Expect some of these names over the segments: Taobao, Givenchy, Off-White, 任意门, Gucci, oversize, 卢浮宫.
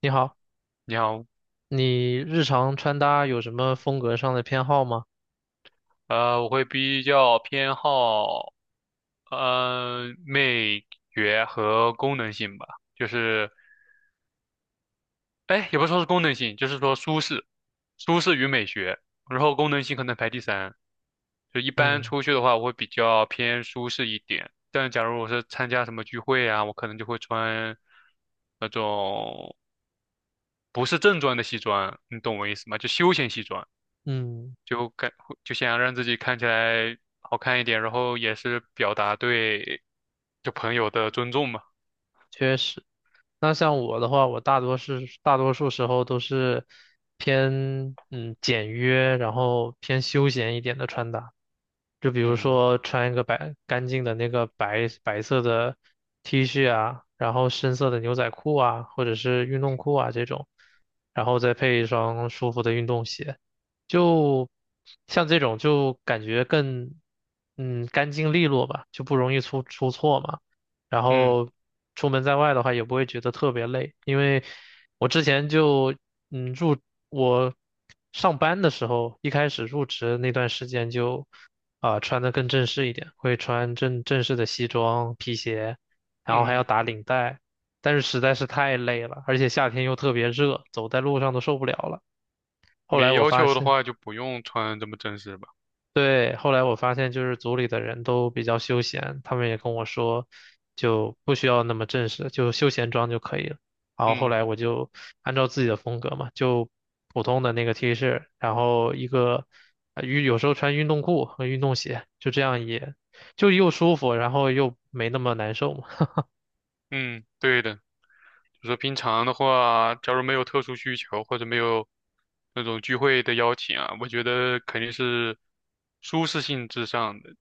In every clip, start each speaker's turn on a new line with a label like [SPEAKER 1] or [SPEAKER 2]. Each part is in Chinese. [SPEAKER 1] 你好，
[SPEAKER 2] 你好，
[SPEAKER 1] 你日常穿搭有什么风格上的偏好吗？
[SPEAKER 2] 我会比较偏好，美学和功能性吧，就是，哎，也不说是功能性，就是说舒适，舒适与美学，然后功能性可能排第三。就一般
[SPEAKER 1] 嗯
[SPEAKER 2] 出去的话，我会比较偏舒适一点，但假如我是参加什么聚会啊，我可能就会穿那种不是正装的西装，你懂我意思吗？就休闲西装。
[SPEAKER 1] 嗯，
[SPEAKER 2] 就感就想让自己看起来好看一点，然后也是表达对就朋友的尊重嘛。
[SPEAKER 1] 确实。那像我的话，我大多是大多数时候都是偏简约，然后偏休闲一点的穿搭。就比如
[SPEAKER 2] 嗯
[SPEAKER 1] 说穿一个白干净的那个白色的 T 恤啊，然后深色的牛仔裤啊，或者是运动裤啊这种，然后再配一双舒服的运动鞋，就像这种就感觉更干净利落吧，就不容易出错嘛。然
[SPEAKER 2] 嗯
[SPEAKER 1] 后出门在外的话也不会觉得特别累，因为我之前就嗯入我上班的时候，一开始入职那段时间就穿的更正式一点，会穿正式的西装、皮鞋，然后还要
[SPEAKER 2] 嗯，
[SPEAKER 1] 打领带，但是实在是太累了，而且夏天又特别热，走在路上都受不了了。后来
[SPEAKER 2] 没
[SPEAKER 1] 我
[SPEAKER 2] 要
[SPEAKER 1] 发
[SPEAKER 2] 求的
[SPEAKER 1] 现。
[SPEAKER 2] 话就不用穿这么正式吧。
[SPEAKER 1] 对，后来我发现就是组里的人都比较休闲，他们也跟我说，就不需要那么正式，就休闲装就可以了。然后后
[SPEAKER 2] 嗯
[SPEAKER 1] 来我就按照自己的风格嘛，就普通的那个 T 恤，然后一个有时候穿运动裤和运动鞋，就这样也就又舒服，然后又没那么难受嘛。
[SPEAKER 2] 嗯，对的，就说平常的话，假如没有特殊需求或者没有那种聚会的邀请啊，我觉得肯定是舒适性至上的。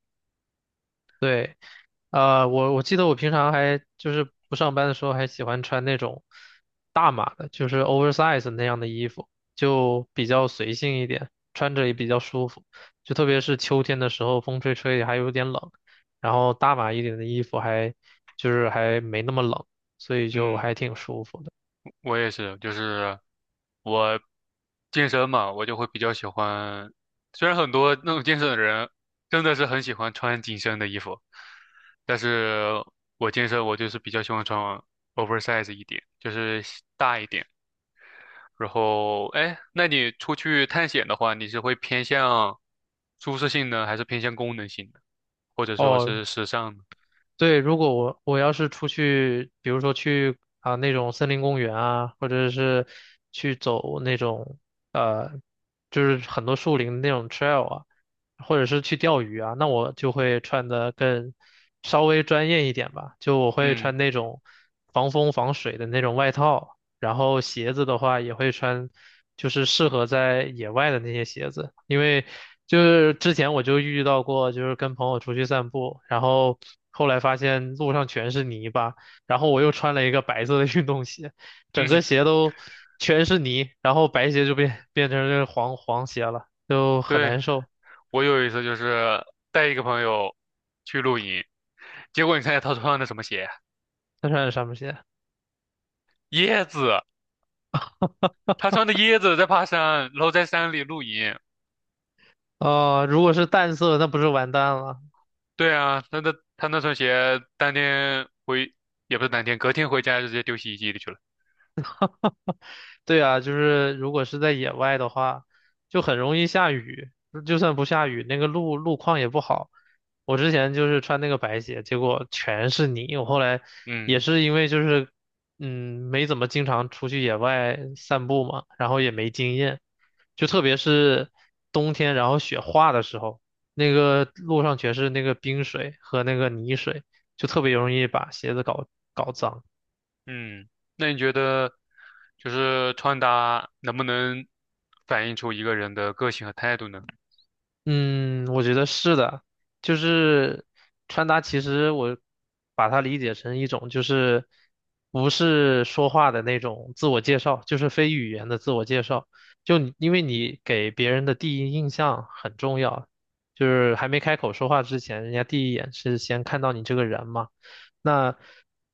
[SPEAKER 1] 对，我记得我平常还就是不上班的时候，还喜欢穿那种大码的，就是 oversize 那样的衣服，就比较随性一点，穿着也比较舒服。就特别是秋天的时候，风吹吹还有点冷，然后大码一点的衣服还就是还没那么冷，所以就
[SPEAKER 2] 嗯。
[SPEAKER 1] 还挺舒服的。
[SPEAKER 2] 我也是，就是我健身嘛，我就会比较喜欢。虽然很多那种健身的人真的是很喜欢穿紧身的衣服，但是我健身我就是比较喜欢穿 oversize 一点，就是西大一点。然后，哎，那你出去探险的话，你是会偏向舒适性呢，还是偏向功能性的，或者说
[SPEAKER 1] 哦，
[SPEAKER 2] 是时尚呢？
[SPEAKER 1] 对，如果我要是出去，比如说去啊那种森林公园啊，或者是去走那种呃，就是很多树林那种 trail 啊，或者是去钓鱼啊，那我就会穿的更稍微专业一点吧，就我会
[SPEAKER 2] 嗯
[SPEAKER 1] 穿那种防风防水的那种外套，然后鞋子的话也会穿，就是适合在野外的那些鞋子，因为就是之前我就遇到过，就是跟朋友出去散步，然后后来发现路上全是泥巴，然后我又穿了一个白色的运动鞋，
[SPEAKER 2] 嗯，
[SPEAKER 1] 整个 鞋都全是泥，然后白鞋就变成这个黄鞋了，就很
[SPEAKER 2] 对。
[SPEAKER 1] 难受。
[SPEAKER 2] 我有一次就是带一个朋友去露营，结果你猜他穿的什么鞋？
[SPEAKER 1] 再穿点什么鞋？
[SPEAKER 2] 椰子，他穿的椰子在爬山，然后在山里露营。
[SPEAKER 1] 哦，如果是淡色，那不是完蛋了。
[SPEAKER 2] 对啊，他那双鞋当天回，也不是当天，隔天回家就直接丢洗衣机里去了。
[SPEAKER 1] 对啊，就是如果是在野外的话，就很容易下雨。就算不下雨，那个路况也不好。我之前就是穿那个白鞋，结果全是泥。我后来也
[SPEAKER 2] 嗯
[SPEAKER 1] 是因为就是，没怎么经常出去野外散步嘛，然后也没经验，就特别是冬天，然后雪化的时候，那个路上全是那个冰水和那个泥水，就特别容易把鞋子搞脏。
[SPEAKER 2] 嗯，那你觉得就是穿搭能不能反映出一个人的个性和态度呢？
[SPEAKER 1] 嗯，我觉得是的，就是穿搭，其实我把它理解成一种，就是不是说话的那种自我介绍，就是非语言的自我介绍。就你因为你给别人的第一印象很重要，就是还没开口说话之前，人家第一眼是先看到你这个人嘛。那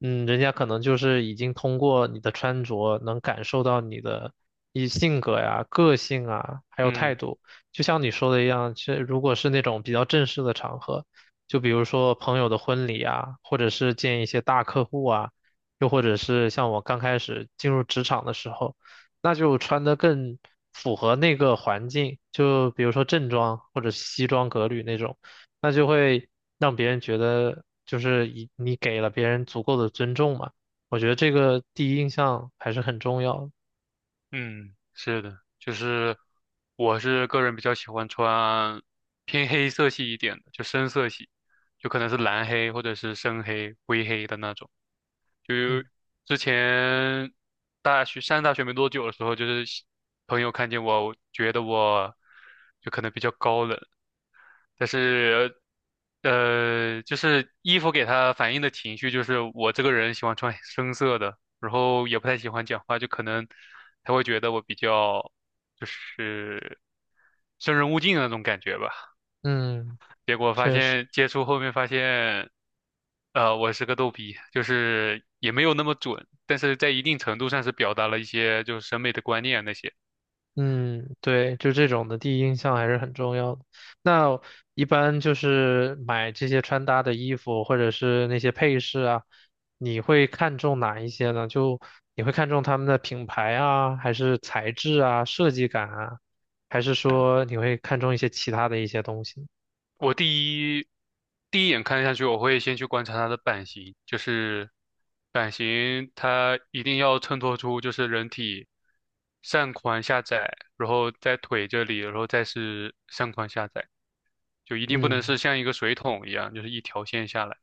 [SPEAKER 1] 人家可能就是已经通过你的穿着能感受到你的一性格呀、个性啊，还有态
[SPEAKER 2] 嗯。
[SPEAKER 1] 度。就像你说的一样，其实如果是那种比较正式的场合，就比如说朋友的婚礼啊，或者是见一些大客户啊，又或者是像我刚开始进入职场的时候，那就穿得更符合那个环境，就比如说正装或者西装革履那种，那就会让别人觉得就是你给了别人足够的尊重嘛。我觉得这个第一印象还是很重要的。
[SPEAKER 2] 嗯，是的，就是我是个人比较喜欢穿偏黑色系一点的，就深色系，就可能是蓝黑或者是深黑、灰黑的那种。就
[SPEAKER 1] 嗯
[SPEAKER 2] 之前大学上大学没多久的时候，就是喜朋友看见我，觉得我就可能比较高冷，但是就是衣服给他反映的情绪，就是我这个人喜欢穿深色的，然后也不太喜欢讲话，就可能他会觉得我比较就是生人勿近的那种感觉吧。
[SPEAKER 1] 嗯，
[SPEAKER 2] 结果发
[SPEAKER 1] 确实。
[SPEAKER 2] 现接触后面发现，我是个逗逼，就是也没有那么准，但是在一定程度上是表达了一些就是审美的观念那些。
[SPEAKER 1] 嗯，对，就这种的第一印象还是很重要的。那一般就是买这些穿搭的衣服或者是那些配饰啊，你会看重哪一些呢？就你会看重他们的品牌啊，还是材质啊、设计感啊，还是说你会看重一些其他的一些东西？
[SPEAKER 2] 我第一眼看下去，我会先去观察它的版型，就是版型它一定要衬托出就是人体上宽下窄，然后在腿这里，然后再是上宽下窄，就一定不能
[SPEAKER 1] 嗯，
[SPEAKER 2] 是像一个水桶一样，就是一条线下来。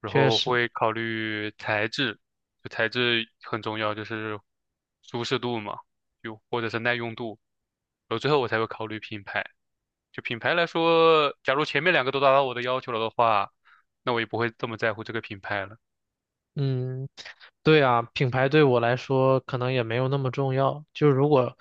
[SPEAKER 2] 然
[SPEAKER 1] 确
[SPEAKER 2] 后
[SPEAKER 1] 实。
[SPEAKER 2] 会考虑材质，就材质很重要，就是舒适度嘛，就或者是耐用度。然后最后我才会考虑品牌。就品牌来说，假如前面两个都达到我的要求了的话，那我也不会这么在乎这个品牌了。
[SPEAKER 1] 嗯，对啊，品牌对我来说可能也没有那么重要。就如果，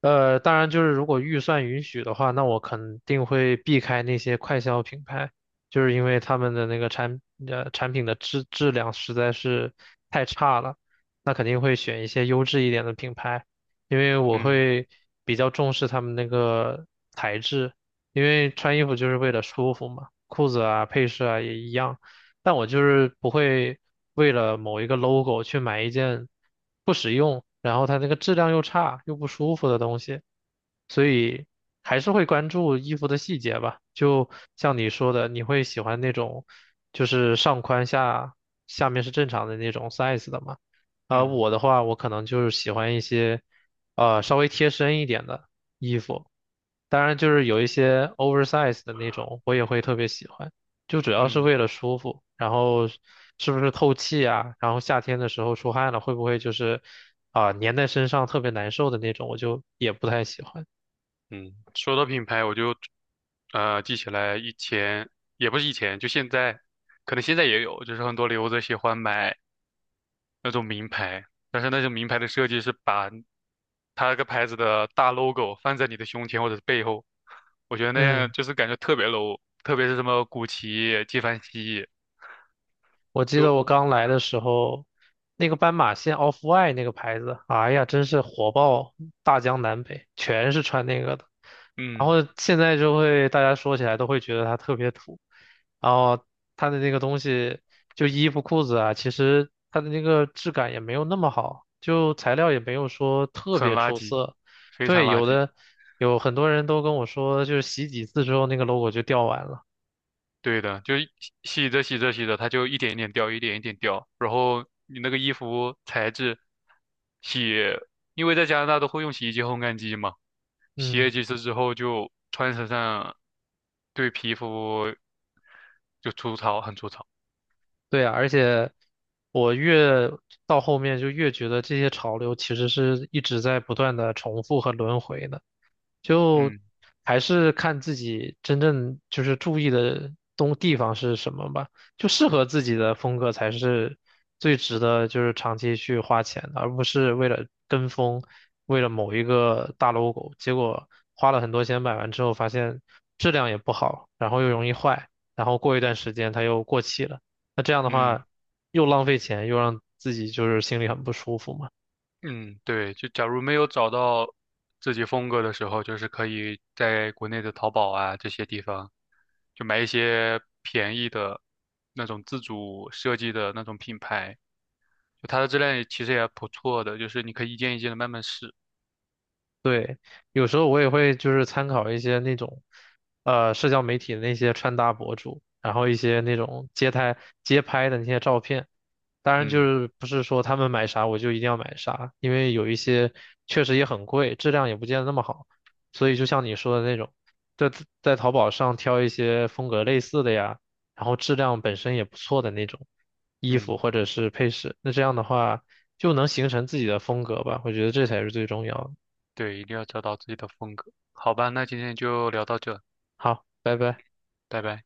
[SPEAKER 1] 当然就是如果预算允许的话，那我肯定会避开那些快消品牌，就是因为他们的那个产品的质量实在是太差了，那肯定会选一些优质一点的品牌，因为我
[SPEAKER 2] 嗯
[SPEAKER 1] 会比较重视他们那个材质，因为穿衣服就是为了舒服嘛，裤子啊、配饰啊也一样。但我就是不会为了某一个 logo 去买一件不实用，然后它那个质量又差又不舒服的东西，所以还是会关注衣服的细节吧。就像你说的，你会喜欢那种就是上宽下下面是正常的那种 size 的嘛？而
[SPEAKER 2] 嗯
[SPEAKER 1] 我的话，我可能就是喜欢一些稍微贴身一点的衣服，当然就是有一些 oversize 的那种，我也会特别喜欢。就主要是
[SPEAKER 2] 嗯
[SPEAKER 1] 为了舒服，然后是是不是透气啊？然后夏天的时候出汗了，会不会就是粘在身上特别难受的那种？我就也不太喜欢。
[SPEAKER 2] 嗯，说到品牌，我就记起来以前也不是以前，就现在，可能现在也有，就是很多留子喜欢买那种名牌，但是那种名牌的设计是把它那个牌子的大 logo 放在你的胸前或者是背后，我觉得那样
[SPEAKER 1] 嗯。
[SPEAKER 2] 就是感觉特别 low，特别是什么古奇、纪梵希，
[SPEAKER 1] 我记得
[SPEAKER 2] 就
[SPEAKER 1] 我刚来的时候，那个斑马线 Off-White 那个牌子，哎呀，真是火爆大江南北，全是穿那个的。然
[SPEAKER 2] 嗯。
[SPEAKER 1] 后现在就会大家说起来都会觉得它特别土，然后它的那个东西，就衣服裤子啊，其实它的那个质感也没有那么好，就材料也没有说特
[SPEAKER 2] 很
[SPEAKER 1] 别
[SPEAKER 2] 垃
[SPEAKER 1] 出
[SPEAKER 2] 圾，
[SPEAKER 1] 色。
[SPEAKER 2] 非常
[SPEAKER 1] 对，
[SPEAKER 2] 垃圾。
[SPEAKER 1] 有很多人都跟我说，就是洗几次之后那个 logo 就掉完了。
[SPEAKER 2] 对的，就一洗着洗着洗着，它就一点一点掉，一点一点掉。然后你那个衣服材质，洗，因为在加拿大都会用洗衣机、烘干机嘛，洗
[SPEAKER 1] 嗯。
[SPEAKER 2] 了几次之后就穿身上，对皮肤就粗糙，很粗糙。
[SPEAKER 1] 对啊，而且我越到后面就越觉得这些潮流其实是一直在不断的重复和轮回的。就
[SPEAKER 2] 嗯
[SPEAKER 1] 还是看自己真正就是注意的东地方是什么吧，就适合自己的风格才是最值得就是长期去花钱的，而不是为了跟风，为了某一个大 logo，结果花了很多钱买完之后发现质量也不好，然后又容易坏，然后过一段时间它又过气了，那这样的
[SPEAKER 2] 嗯。
[SPEAKER 1] 话又浪费钱，又让自己就是心里很不舒服嘛。
[SPEAKER 2] 嗯，对，就假如没有找到自己风格的时候，就是可以在国内的淘宝啊这些地方，就买一些便宜的那种自主设计的那种品牌，就它的质量也其实也不错的，就是你可以一件一件的慢慢试。
[SPEAKER 1] 对，有时候我也会就是参考一些那种，社交媒体的那些穿搭博主，然后一些那种街拍的那些照片。当然，就
[SPEAKER 2] 嗯
[SPEAKER 1] 是不是说他们买啥我就一定要买啥，因为有一些确实也很贵，质量也不见得那么好。所以就像你说的那种，在在淘宝上挑一些风格类似的呀，然后质量本身也不错的那种衣
[SPEAKER 2] 嗯，
[SPEAKER 1] 服或者是配饰，那这样的话就能形成自己的风格吧，我觉得这才是最重要的。
[SPEAKER 2] 对，一定要找到自己的风格。好吧，那今天就聊到这，
[SPEAKER 1] 好，拜拜。
[SPEAKER 2] 拜拜。